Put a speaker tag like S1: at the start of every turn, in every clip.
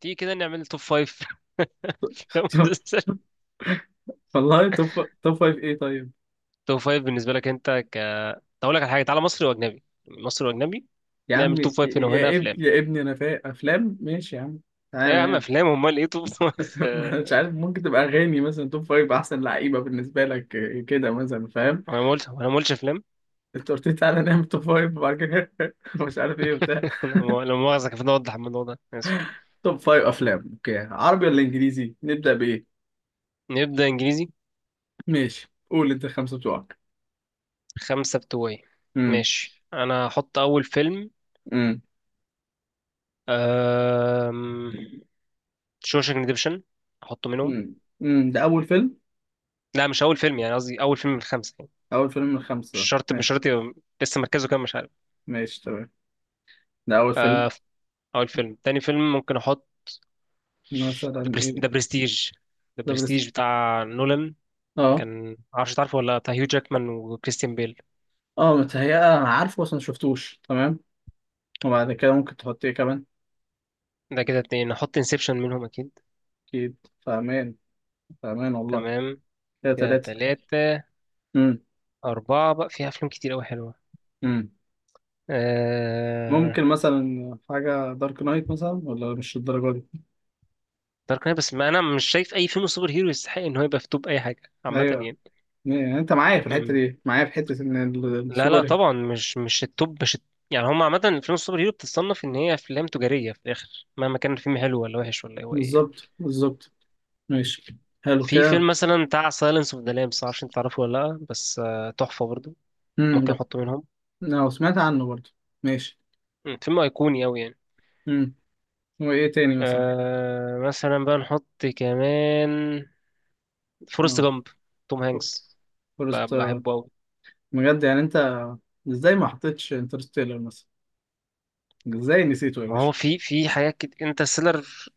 S1: تيجي كده نعمل توب فايف.
S2: طب- والله توب فايف ايه؟ طيب
S1: توب فايف بالنسبة لك أنت، أقول لك على حاجة. تعالى، مصري وأجنبي، مصري وأجنبي.
S2: يا
S1: نعمل
S2: عم
S1: توب
S2: يا
S1: فايف هنا وهنا
S2: يا اب
S1: أفلام.
S2: يا ابني انا فايق افلام، ماشي يا عم.
S1: أيوة
S2: تعالى
S1: يا عم،
S2: نام.
S1: أفلام، أمال إيه توب فايف؟
S2: مش عارف، ممكن تبقى اغاني مثلا. توب فايف احسن لعيبه بالنسبه لك، إيه كده مثلا فاهم؟
S1: أنا ما قلتش أفلام.
S2: انت قلت لي تعالى نام توب فايف وبعد كده مش عارف ايه وبتاع.
S1: لما مؤاخذة، كان المفروض أوضح الموضوع ده. آسف.
S2: توب فايف افلام. اوكي، عربي ولا انجليزي؟ نبدا بايه؟
S1: نبدأ إنجليزي.
S2: ماشي، قول انت الخمسه بتوعك.
S1: خمسة بتوعي.
S2: امم
S1: ماشي، أنا هحط أول فيلم.
S2: امم
S1: أم... شوشنج ريديمشن. أحطه منهم.
S2: امم ده اول فيلم؟
S1: لا، مش أول فيلم، يعني قصدي أول فيلم من الخمسة يعني.
S2: اول فيلم من
S1: مش
S2: الخمسه.
S1: شرط، مش شرط لسه مركزه كام، مش عارف.
S2: ماشي تمام، ده اول فيلم.
S1: آه. اول فيلم، تاني فيلم ممكن احط
S2: مثلا ايه؟
S1: ذا برستيج. ذا
S2: ده برس،
S1: برستيج بتاع نولان.
S2: اه.
S1: كان معرفش تعرفه ولا لأ، بتاع هيو جاكمان وكريستيان بيل.
S2: اه متهيأ انا عارفه بس ما شفتوش، تمام. وبعد كده ممكن تحط ايه كمان؟
S1: ده كده اتنين، نحط انسبشن منهم اكيد.
S2: اكيد. فاهمان، فاهمان والله.
S1: تمام،
S2: كده
S1: كده
S2: تلاتة.
S1: تلاتة.
S2: امم
S1: أربعة بقى فيها أفلام كتير أوي حلوة.
S2: امم
S1: آه...
S2: ممكن مثلا حاجة دارك نايت مثلا؟ ولا مش الدرجة دي؟
S1: دارك نايت، بس ما أنا مش شايف أي فيلم سوبر هيرو يستحق إن هو يبقى في توب أي حاجة عامة
S2: ايوه.
S1: يعني.
S2: يعني انت معايا في الحتة
S1: مم.
S2: دي، معايا في حتة ان
S1: لا، لا،
S2: السوبر.
S1: طبعا، مش التوب، مش الت... يعني هم عامة. فيلم السوبر هيرو بتتصنف إن هي أفلام تجارية في الآخر مهما كان الفيلم حلو ولا وحش ولا هو إيه يعني.
S2: بالظبط، بالظبط. ماشي، حلو
S1: في فيلم
S2: كده.
S1: مثلا بتاع سايلنس اوف ذا لامبس، معرفش انت تعرفه ولا لا، بس تحفة برضو. ممكن
S2: ده
S1: احطه منهم.
S2: انا سمعت عنه برضه. ماشي.
S1: فيلم ايقوني اوي يعني.
S2: امم وايه تاني مثلا؟
S1: مثلا بقى نحط كمان فورست
S2: اه
S1: جامب، توم هانكس.
S2: فورست.
S1: بحبه اوي.
S2: بجد يعني انت، ازاي ما حطيتش انترستيلر مثلا؟ ازاي نسيته يا
S1: ما هو
S2: باشا؟
S1: في حاجات كده، انترستيلر.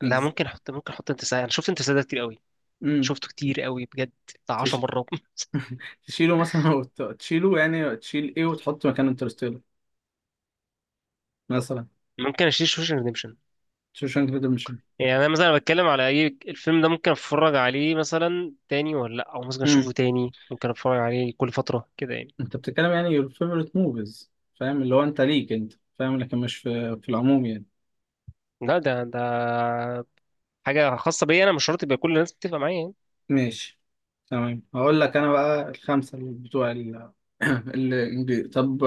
S1: لا،
S2: بز-
S1: ممكن احط انترستيلر، انا شفت انترستيلر كتير قوي.
S2: مم.
S1: شفته كتير قوي بجد. بتاع 10
S2: تش...
S1: مرات.
S2: تشيله مثلا؟ أو تشيله، يعني تشيل ايه وتحط مكان انترستيلر مثلا؟
S1: ممكن اشيل شوشن ريديمشن.
S2: شوشانك ريدمشن.
S1: يعني انا مثلا بتكلم على اي الفيلم ده ممكن اتفرج عليه مثلا تاني ولا لا، او ممكن اشوفه
S2: امم
S1: تاني، ممكن اتفرج عليه كل فتره كده يعني.
S2: انت بتتكلم يعني your favorite movies، فاهم اللي هو انت ليك انت، فاهم؟ لكن مش في العموم يعني.
S1: لا، ده حاجة خاصة بيا، أنا مش شرط يبقى كل الناس بتتفق معايا يعني.
S2: ماشي تمام، هقول لك انا بقى الخمسة اللي بتوع الانجليزي. طب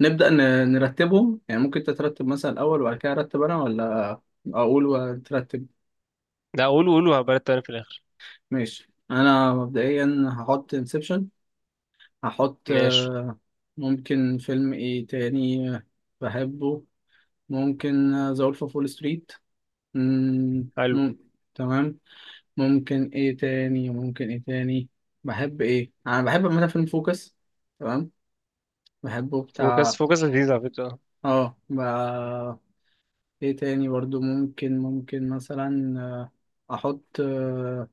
S2: نبدأ ن... نرتبهم يعني، ممكن انت ترتب مثلا الاول وبعد كده ارتب انا، ولا اقول وترتب؟
S1: لا، قولوا قولوا، هبقى أنا في الآخر.
S2: ماشي، انا مبدئيا هحط انسبشن. هحط
S1: ماشي.
S2: ممكن فيلم ايه تاني، بحبه. ممكن ذا وولف اوف وول ستريت. مم،
S1: حلو.
S2: مم، تمام. ممكن ايه تاني، ممكن ايه تاني؟ بحب ايه، انا بحب عامه فيلم فوكس، تمام، بحبه
S1: فوكس،
S2: بتاع.
S1: فوكس لذيذ على فكرة.
S2: اه ب... ايه تاني برضو؟ ممكن، ممكن مثلا احط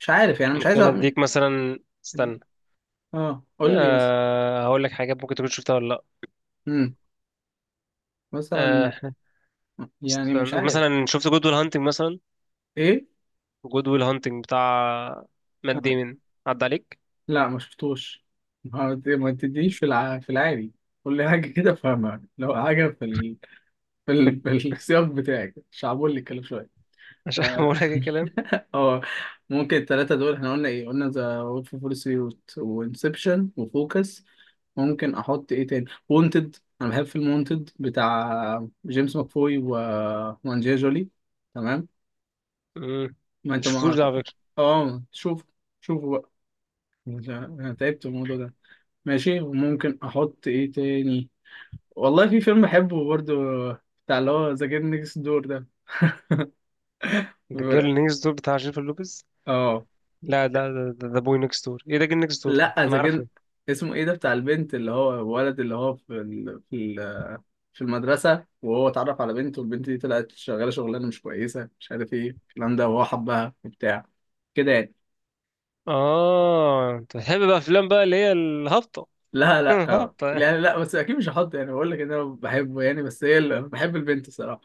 S2: مش عارف يعني، مش عايز
S1: ممكن أديك مثلا، استنى.
S2: اه قول لي بس.
S1: هقول لك حاجات ممكن تكون شفتها ولا لأ.
S2: مم. مثلا،
S1: أه
S2: يعني مش
S1: استنى،
S2: عارف
S1: مثلا شفت جود ويل هانتنج مثلا؟
S2: ايه.
S1: جود ويل هانتنج بتاع مات ديمن، عدى عليك؟
S2: لا ما شفتوش. ما ما تديش في في العادي. قول لي حاجه كده فاهمها، لو حاجه في في السياق بتاعك، شعبولي الكلام شويه.
S1: مش
S2: اه،
S1: هقول لك الكلام.
S2: آه، ممكن الثلاثه دول. احنا قلنا ايه؟ قلنا ذا وولف اوف وول ستريت وانسبشن وفوكس. ممكن احط ايه تاني؟ وونتد، انا بحب فيلم وونتد بتاع جيمس ماكفوي و وانجيا جولي. تمام.
S1: مم.
S2: ما انت
S1: شفتوش
S2: ما
S1: ده على فكرة.
S2: اه شوف، شوفوا بقى، انا تعبت من الموضوع ده. ماشي وممكن احط ايه تاني؟ والله في فيلم بحبه برضو، بتاع اللي هو ذا جيم نيكست دور ده.
S1: ده
S2: بيقول-
S1: جيرل نيكست دور بتاع جينيفر لوبيز.
S2: اه
S1: لا، لا، ده ذا بوي نيكست دور، ايه ده، جيرل نيكست دور ده
S2: لا ذا
S1: انا
S2: جيم،
S1: عارفه.
S2: اسمه ايه ده، بتاع البنت، اللي هو الولد اللي هو في في المدرسة، وهو اتعرف على بنت والبنت دي طلعت شغالة شغلانة مش كويسة مش عارف ايه الكلام ده، وهو حبها وبتاع كده يعني.
S1: اه، انت بتحب بقى افلام بقى اللي هي الهابطه.
S2: لا لا اه،
S1: هابطه.
S2: لا لا، بس اكيد مش هحط، يعني بقول لك ان انا بحبه يعني بس هي اللي بحب البنت الصراحة.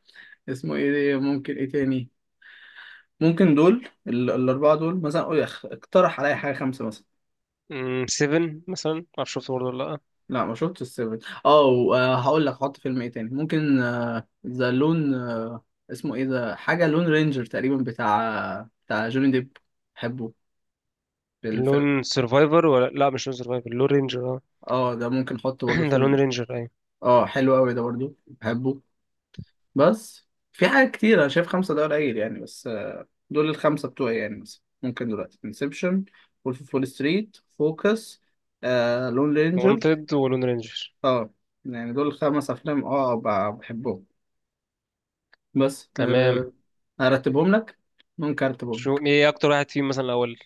S2: اسمه ايه ده؟ ممكن ايه تاني؟ ممكن دول الأربعة دول مثلا، قول اقترح عليا حاجة خمسة مثلا.
S1: 7 مثلا، ما اعرفش شفته برضه ولا لا.
S2: لا ما شفتش السيفن. هقول لك حط فيلم ايه تاني. ممكن ذا لون اسمه ايه ده، حاجة لون رينجر تقريبا، بتاع جوني ديب. بحبه الفيلم.
S1: لون سيرفايفر ولا لا، مش لون سيرفايفر، لون رينجر، اه.
S2: اه ده ممكن احطه برضه
S1: ده لون
S2: فيلم.
S1: رينجر ايوه.
S2: اه حلو قوي ده برضه بحبه. بس في حاجات كتير انا شايف خمسة ده قليل يعني، بس دول الخمسة بتوعي يعني. مثلا ممكن دلوقتي انسبشن، وولف اوف وول ستريت، فوكس، لون رينجر.
S1: وونتد ولون رينجر.
S2: اه. يعني دول خمس افلام اه بحبهم، بس
S1: تمام.
S2: ارتبهم لك، ممكن ارتبهم لك.
S1: ايه اكتر واحد فيهم مثلا الاول،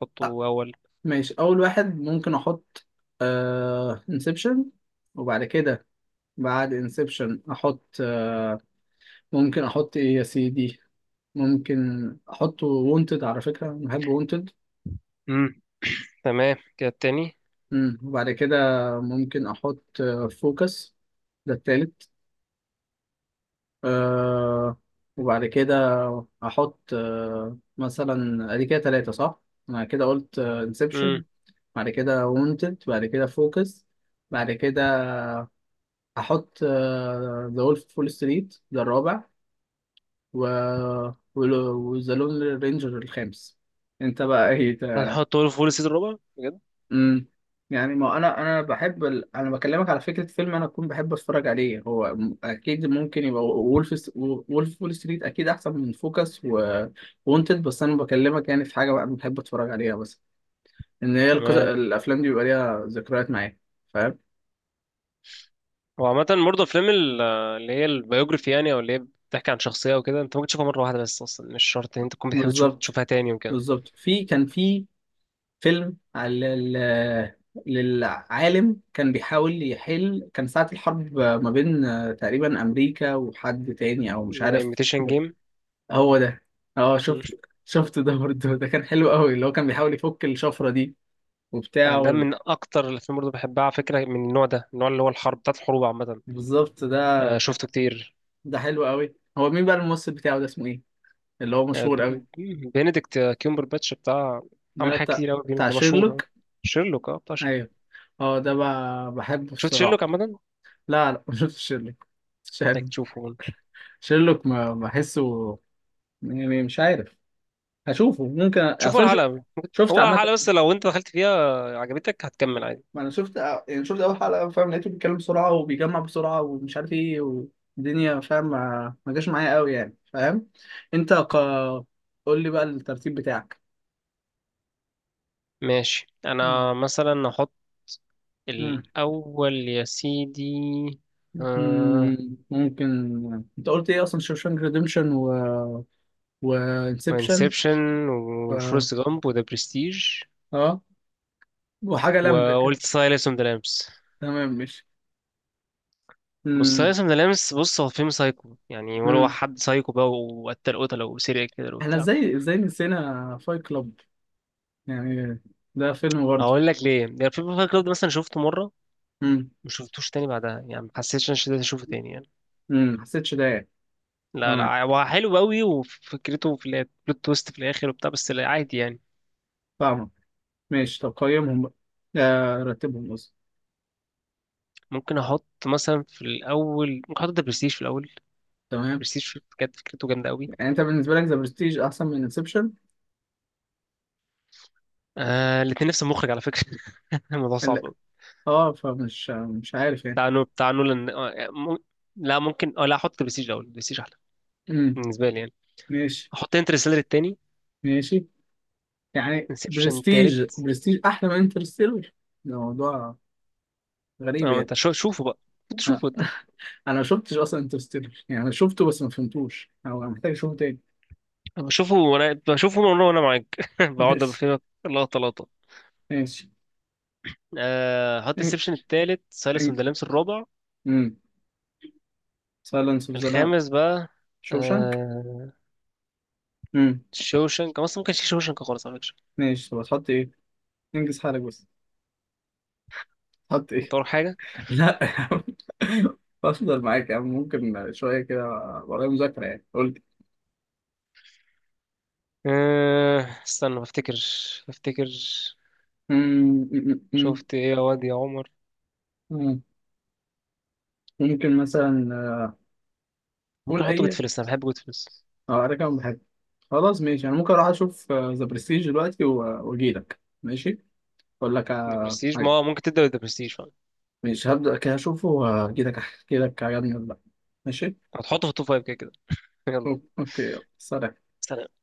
S1: حطه
S2: آه،
S1: اول.
S2: ماشي، اول واحد ممكن احط آه انسبشن. وبعد كده بعد انسبشن احط ممكن احط ايه يا سيدي؟ ممكن احط وونتد، على فكرة أنا بحب وونتد.
S1: امم. تمام، كده التاني.
S2: وبعد كده ممكن احط فوكس، ده التالت آه. وبعد كده هحط آه مثلا، ادي كده تلاتة صح؟ انا كده قلت انسبشن،
S1: امم.
S2: بعد كده وونتد، بعد كده فوكس، بعد كده هحط ذا وولف فول ستريت ده الرابع، و وذا لون رينجر الخامس. انت بقى ايه؟
S1: هنحطه له فول السيزون الرابع بجد.
S2: امم يعني ما انا انا بحب انا بكلمك على فكره، فيلم انا اكون بحب اتفرج عليه، هو اكيد ممكن يبقى وولف وول ستريت اكيد احسن من فوكس و وونتد، بس انا بكلمك يعني في حاجه بقى بحب اتفرج عليها، بس ان هي
S1: تمام.
S2: الافلام دي بيبقى ليها ذكريات معايا، فاهم؟
S1: هو عامة برضه أفلام اللي هي البيوجرافي، يعني أو اللي هي بتحكي عن شخصية وكده، أنت ممكن تشوفها مرة واحدة بس، أصلا مش شرط إن أنت تكون بتحب تشوف
S2: بالظبط،
S1: تشوفها تاني وكده.
S2: بالظبط. كان في فيلم على للعالم، كان بيحاول يحل، كان ساعة الحرب ما بين تقريبا أمريكا وحد تاني أو مش
S1: زي
S2: عارف.
S1: imitation game.
S2: هو ده، اه.
S1: مم.
S2: شفت، شفت ده برضه، ده كان حلو قوي، اللي هو كان بيحاول يفك الشفرة دي وبتاع
S1: ده من اكتر الافلام برضه بحبها على فكره، من النوع ده، النوع اللي هو الحرب بتاعت الحروب عامه.
S2: بالظبط ده
S1: آه،
S2: كان،
S1: شفته كتير.
S2: ده حلو قوي. هو مين بقى الممثل بتاعه ده، اسمه ايه، اللي هو
S1: آه،
S2: مشهور قوي؟
S1: بنديكت كيمبر باتش بتاع، عمل
S2: ده
S1: حاجات
S2: بتاع،
S1: كتير قوي،
S2: بتاع
S1: ده مشهور.
S2: شيرلوك.
S1: شيرلوك، اه، بتاع شيرلوك.
S2: ايوه اه، ده بحبه
S1: شفت
S2: الصراحة.
S1: شيرلوك عامه؟
S2: لا لا ما شفتش شيرلوك.
S1: انك
S2: شيرلوك
S1: تشوفه.
S2: شيرلوك ما بحسه يعني، مش عارف، هشوفه ممكن
S1: شوفوا
S2: اصلا.
S1: الحلقه،
S2: شفت
S1: هو
S2: عامة،
S1: الحلقه بس لو انت دخلت فيها عجبتك هتكمل عادي.
S2: ما انا شفت يعني، شفت اول حلقه، فاهم؟ لقيته بيتكلم بسرعه وبيجمع بسرعه ومش عارف ايه والدنيا، فاهم؟ ما ما جاش معايا قوي يعني، فاهم؟ انت قول لي بقى الترتيب بتاعك.
S1: ماشي،
S2: مم.
S1: انا مثلا احط
S2: مم.
S1: الاول يا سيدي، آه...
S2: ممكن، انت قلت ايه اصلا؟ شوشانك ريديمشن و وانسبشن
S1: انسبشن،
S2: و
S1: وفورست جامب، وذا برستيج،
S2: اه وحاجه لمبه كده.
S1: وقلت سايلنس اوف ذا لامبس.
S2: تمام ماشي.
S1: بص
S2: مم.
S1: سايلنس اوف ذا لامبس، بص، هو فيلم سايكو يعني، هو
S2: مم.
S1: حد سايكو بقى، وقتل قتلة وسيريال كده
S2: احنا
S1: وبتاع.
S2: ازاي، ازاي نسينا فايت كلاب؟ يعني ده فيلم برضه.
S1: هقول لك ليه، يعني الفيلم فايت كلاب ده مثلا شفته مرة،
S2: مم.
S1: ما شفتوش تاني بعدها يعني، ما حسيتش ان انا اشوفه تاني يعني.
S2: حسيتش ده يعني.
S1: لا،
S2: تمام،
S1: لا، هو حلو قوي وفكرته في البلوت تويست في الاخر وبتاع، بس لا عادي يعني.
S2: فاهمك. ماشي، طب قيمهم بقى، آه رتبهم قصدي.
S1: ممكن احط مثلا في الاول، ممكن احط ده برستيج في الاول.
S2: تمام.
S1: برستيج، بجد فكرته جامده قوي.
S2: يعني انت بالنسبه لك ذا برستيج احسن من انسبشن؟
S1: آه، الاثنين نفس المخرج على فكره. الموضوع
S2: لا
S1: صعب.
S2: اه، فمش، مش عارف يعني.
S1: بتاع نولان، يعني لا ممكن، لا، احط برستيج الاول، برستيج احلى
S2: امم
S1: بالنسبه لي يعني.
S2: ماشي
S1: احط انترستيلر التاني.
S2: ماشي. يعني
S1: انسبشن
S2: برستيج،
S1: التالت.
S2: برستيج احلى من انترستيلر، ده موضوع
S1: اه،
S2: غريب
S1: ما
S2: يعني.
S1: انت شوفوا بقى، انت
S2: انا
S1: شوفوا انت.
S2: أنا ما شفتش اصلا انترستيلر، يعني انا شفته بس ما فهمتوش، او أنا محتاج اشوفه تاني.
S1: بشوفه وانا بشوفه من ورا وانا معاك. بقعد بفهمك لقطه لقطه.
S2: ماشي ماشي.
S1: احط انسبشن التالت، سايلنس اوف ذا لامس الرابع.
S2: امم سايلنس اوف ذا لام،
S1: الخامس بقى،
S2: شوشانك.
S1: آه...
S2: امم
S1: شوشنك اصلا، ممكن شوشنك خالص على فكره.
S2: ماشي طب هتحط ايه؟ انجز حالك بس، هتحط
S1: انت
S2: ايه؟
S1: وراك حاجه؟
S2: لا يا عم، بفضل معاك يا عم، ممكن شوية كده، ورايا مذاكرة يعني قلت.
S1: آه... استنى، بفتكر. بفتكر. شفت ايه يا واد يا عمر؟
S2: ممكن مثلا،
S1: ممكن
S2: قول
S1: احطه، جود
S2: أي،
S1: فلس، انا بحب جود.
S2: أه أنا كمان بحب. خلاص ماشي، أنا ممكن أروح أشوف ذا برستيج دلوقتي وأجيلك، ماشي أقول لك
S1: ذا برستيج،
S2: حاجة.
S1: ما ممكن تبدأ بذا برستيج فعلا.
S2: ماشي هبدأ كده، أشوفه وأجيلك أحكي لك عجبني ولا لأ. ماشي.
S1: هتحطه في التوب فايف كده كده. يلا.
S2: أوكي، يلا. سلام.
S1: سلام.